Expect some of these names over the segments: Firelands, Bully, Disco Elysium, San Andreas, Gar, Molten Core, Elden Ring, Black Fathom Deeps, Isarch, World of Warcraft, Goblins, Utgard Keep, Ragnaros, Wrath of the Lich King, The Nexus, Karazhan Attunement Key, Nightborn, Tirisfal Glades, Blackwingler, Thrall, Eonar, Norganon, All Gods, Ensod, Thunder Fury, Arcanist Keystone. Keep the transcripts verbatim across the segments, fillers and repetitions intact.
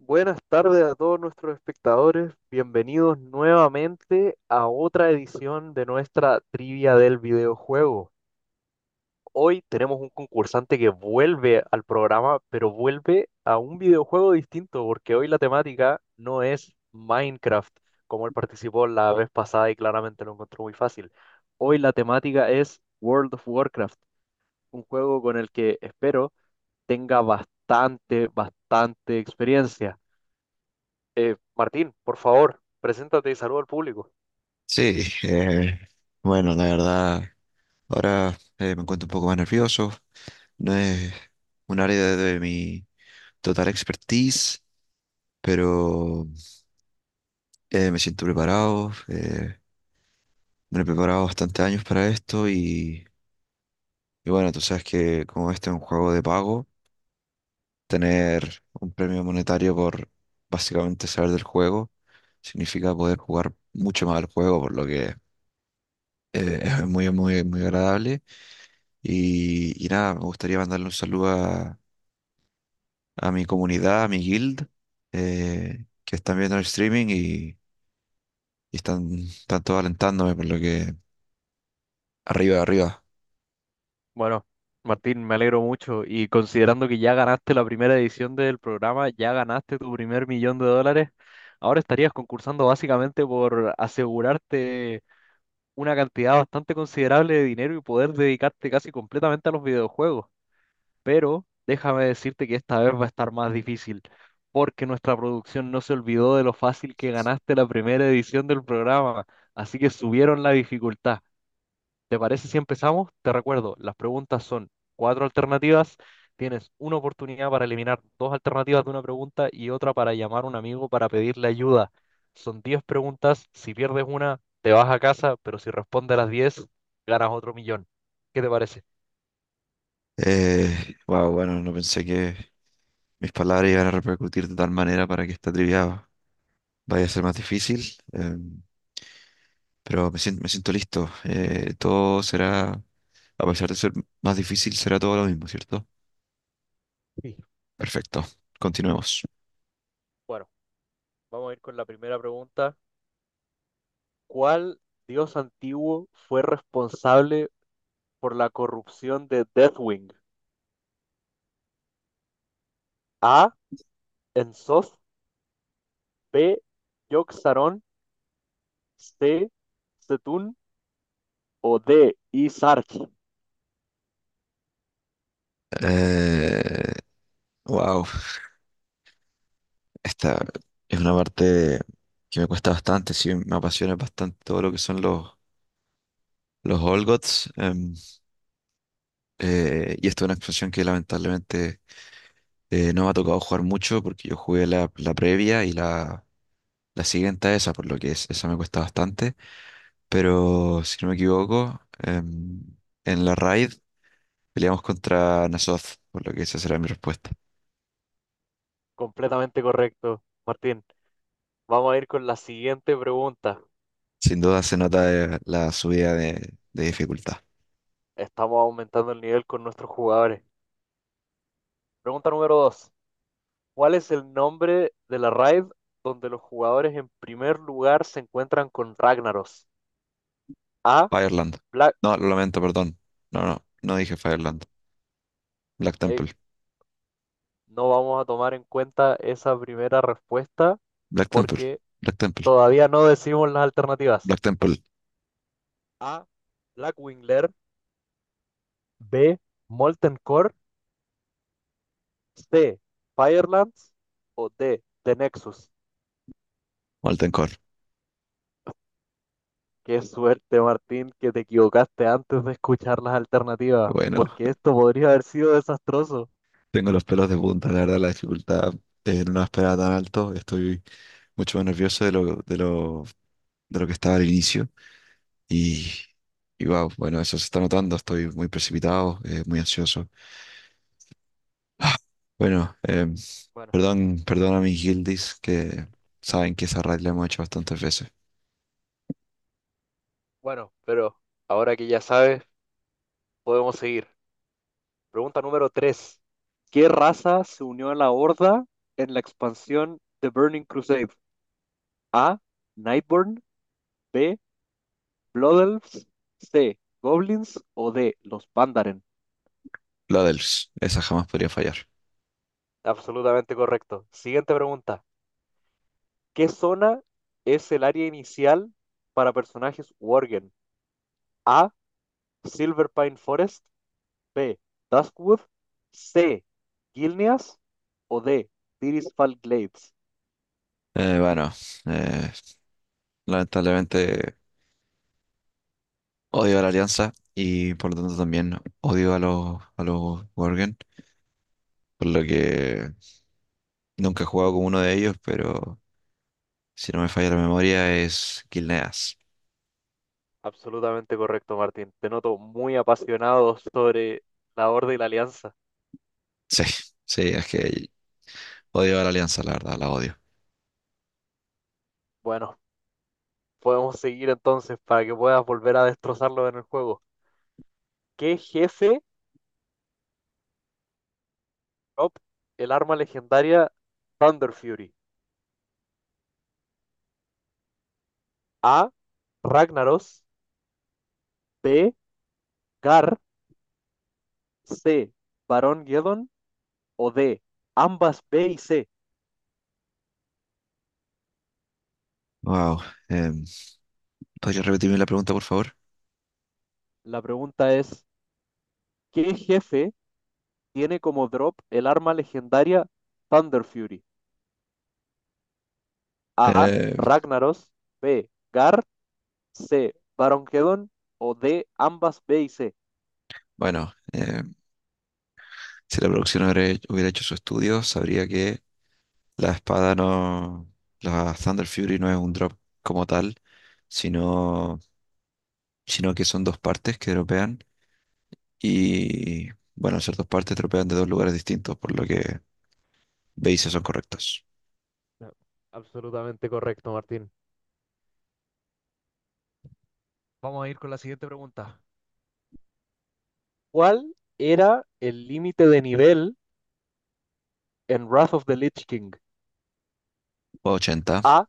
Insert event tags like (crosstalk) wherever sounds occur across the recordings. Buenas tardes a todos nuestros espectadores, bienvenidos nuevamente a otra edición de nuestra trivia del videojuego. Hoy tenemos un concursante que vuelve al programa, pero vuelve a un videojuego distinto, porque hoy la temática no es Minecraft, como él participó la vez pasada y claramente lo encontró muy fácil. Hoy la temática es World of Warcraft, un juego con el que espero tenga bastante, bastante experiencia. Eh, Martín, por favor, preséntate y saluda al público. Sí, eh, bueno, la verdad, ahora eh, me encuentro un poco más nervioso. No es un área de, de mi total expertise, pero eh, me siento preparado. Eh, me he preparado bastante años para esto y, y bueno, tú sabes que como este es un juego de pago, tener un premio monetario por básicamente saber del juego significa poder jugar mucho más al juego, por lo que eh, es muy, muy, muy agradable. Y, y nada, me gustaría mandarle un saludo a, a mi comunidad, a mi guild, eh, que están viendo el streaming y, y están, están todos alentándome, por lo que arriba, arriba. Bueno, Martín, me alegro mucho y considerando que ya ganaste la primera edición del programa, ya ganaste tu primer millón de dólares, ahora estarías concursando básicamente por asegurarte una cantidad bastante considerable de dinero y poder dedicarte casi completamente a los videojuegos. Pero déjame decirte que esta vez va a estar más difícil, porque nuestra producción no se olvidó de lo fácil que ganaste la primera edición del programa, así que subieron la dificultad. ¿Te parece si empezamos? Te recuerdo, las preguntas son cuatro alternativas. Tienes una oportunidad para eliminar dos alternativas de una pregunta y otra para llamar a un amigo para pedirle ayuda. Son diez preguntas. Si pierdes una, te vas a casa, pero si respondes a las diez ganas otro millón. ¿Qué te parece? Eh, wow, bueno, no pensé que mis palabras iban a repercutir de tal manera para que esta trivia vaya a ser más difícil, eh, pero me siento, me siento listo. Eh, todo será, a pesar de ser más difícil, será todo lo mismo, ¿cierto? Sí. Perfecto, continuemos. Bueno, vamos a ir con la primera pregunta. ¿Cuál dios antiguo fue responsable por la corrupción de Deathwing? A. Enzoth. B. Yogg. C. Setún o D. Isarch. Eh, wow. Esta es una parte que me cuesta bastante, sí, me apasiona bastante todo lo que son los, los All Gods, em, eh, y esta es una expansión que lamentablemente eh, no me ha tocado jugar mucho porque yo jugué la, la previa y la, la siguiente a esa, por lo que es, esa me cuesta bastante. Pero si no me equivoco, em, en la raid peleamos contra Nazoth, por lo que esa será mi respuesta. Completamente correcto, Martín. Vamos a ir con la siguiente pregunta. Sin duda se nota eh, la subida de de dificultad. Estamos aumentando el nivel con nuestros jugadores. Pregunta número dos. ¿Cuál es el nombre de la raid donde los jugadores en primer lugar se encuentran con Ragnaros? A, Fireland. Black... No, lo lamento, perdón. No, no, no dije Fireland. Black eh, Temple. no vamos a tomar en cuenta esa primera respuesta Black Temple. porque Black Temple. todavía no decimos las alternativas. Black Temple. A, Blackwingler. B, Molten Core. C, Firelands o D, The Nexus. Molten Core. Qué suerte, Martín, que te equivocaste antes de escuchar las alternativas, Bueno, porque esto podría haber sido desastroso. tengo los pelos de punta, la verdad, la dificultad eh, no la esperaba tan alto. Estoy mucho más nervioso de lo, de lo, de lo que estaba al inicio. Y, y wow, bueno, eso se está notando. Estoy muy precipitado, eh, muy ansioso. Ah, Bueno, em, Bueno, perdón, perdón a mis guildies que saben que esa raid la hemos hecho bastantes veces. bueno, pero ahora que ya sabes, podemos seguir. Pregunta número tres. ¿Qué raza se unió a la Horda en la expansión The Burning Crusade? A, Nightborn. B, Blood Elves. C, Goblins o D, los Pandaren. La dels, esa jamás podría fallar. Absolutamente correcto. Siguiente pregunta. ¿Qué zona es el área inicial para personajes Worgen? A. Silver Pine Forest. B. Duskwood. C. Gilneas. O D. Tirisfal Glades. Eh, bueno, eh, lamentablemente odio a la Alianza y por lo tanto también odio a los, a los Worgen, por lo que nunca he jugado con uno de ellos, pero si no me falla la memoria es Gilneas. (laughs) Absolutamente correcto, Martín. Te noto muy apasionado sobre la Horda y la Alianza. Sí, sí, es que odio a la Alianza, la verdad, la odio. Bueno, podemos seguir entonces para que puedas volver a destrozarlo en el juego. ¿Qué jefe drop el arma legendaria Thunder Fury? A. Ragnaros. B. Gar. C. Barón Geddon o D. ambas B y C. Wow, ¿podría repetirme la pregunta, por favor? La pregunta es, ¿qué jefe tiene como drop el arma legendaria Thunder Fury? A, Eh, Ragnaros. B, Gar. C, Barón Geddon o D, ambas B y C. bueno, eh, si la producción hubiera hubiera hecho su estudio, sabría que la espada no. La Thunder Fury no es un drop como tal, sino, sino que son dos partes que dropean. Y bueno, al ser dos partes, dropean de dos lugares distintos, por lo que bases son correctos. No, absolutamente correcto, Martín. Vamos a ir con la siguiente pregunta. ¿Cuál era el límite de nivel en Wrath of the Lich King? Ochenta. A,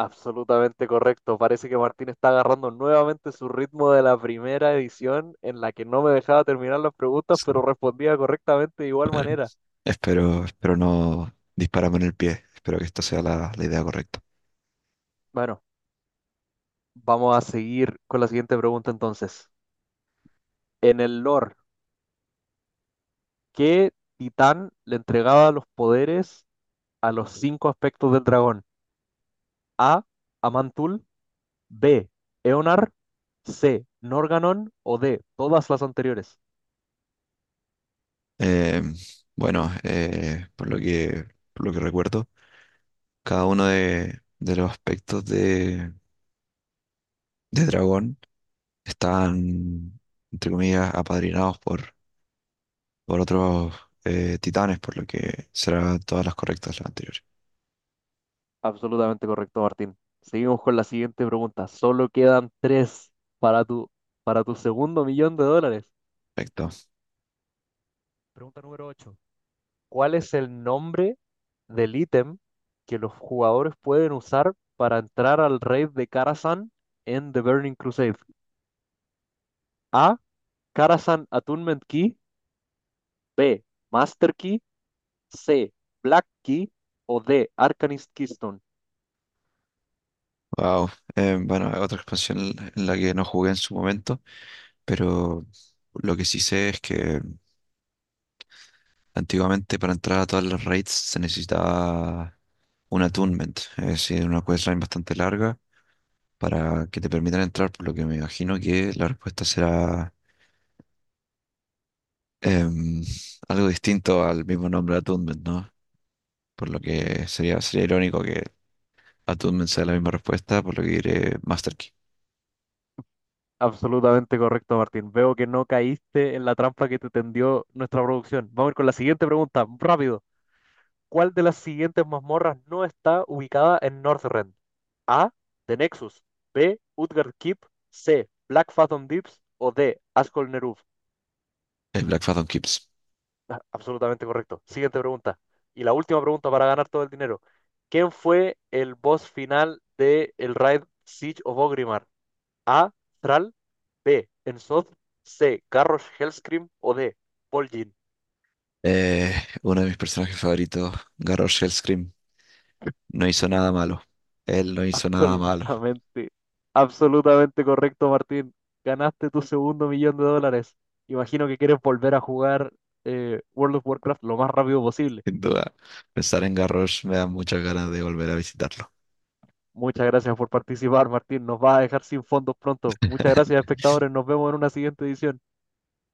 absolutamente correcto. Parece que Martín está agarrando nuevamente su ritmo de la primera edición en la que no me dejaba terminar las preguntas, Sí. pero respondía correctamente de igual Bueno, manera. espero, espero no dispararme en el pie. Espero que esta sea la, la idea correcta. Bueno, vamos a seguir con la siguiente pregunta entonces. En el lore, ¿qué titán le entregaba los poderes a los cinco aspectos del dragón? A. Amantul. B. Eonar. C. Norganon o D. Todas las anteriores. Em, bueno, eh, por lo que, por lo que recuerdo, cada uno de, de los aspectos de, de dragón están, entre comillas, apadrinados por, por otros eh, titanes, por lo que serán todas las correctas las anteriores. Absolutamente correcto, Martín. Seguimos con la siguiente pregunta. Solo quedan tres para tu, para tu segundo millón de dólares. Perfecto. Pregunta número ocho. ¿Cuál es el nombre del ítem que los jugadores pueden usar para entrar al raid de Karazhan en The Burning Crusade? A. Karazhan Attunement Key. B. Master Key. C. Black Key. O D. Arcanist Keystone. Wow. Eh, bueno, otra expansión en la que no jugué en su momento, pero lo que sí sé es que antiguamente para entrar a todas las raids se necesitaba un attunement, es decir, una questline bastante larga para que te permitan entrar, por lo que me imagino que la respuesta será em, algo distinto al mismo nombre attunement, ¿no? Por lo que sería, sería irónico que a Toon sea la misma respuesta, por lo que diré Master Key. Absolutamente correcto, Martín. Veo que no caíste en la trampa que te tendió nuestra producción. Vamos a ir con la siguiente pregunta, rápido. ¿Cuál de las siguientes mazmorras no está ubicada en Northrend? A. The Nexus. B. Utgard Keep. C. Black Fathom Deeps. O D. Ascol Neruf. El Black Phantom Kips. Ah, absolutamente correcto. Siguiente pregunta. Y la última pregunta para ganar todo el dinero. ¿Quién fue el boss final de el raid Siege of Orgrimmar? A. Thrall. B. Ensod. C. Garrosh Hellscream. O D. Poljin. Eh, uno de mis personajes favoritos, Garrosh Scream no hizo nada malo. Él no hizo nada malo. Absolutamente, absolutamente correcto, Martín. Ganaste tu segundo millón de dólares. Imagino que quieres volver a jugar eh, World of Warcraft lo más rápido posible. (laughs) Sin duda, pensar en Garrosh me da muchas ganas de volver a visitarlo. Muchas gracias por participar, Martín. Nos va a dejar sin fondos pronto. Muchas gracias, (laughs) espectadores. Nos vemos en una siguiente edición.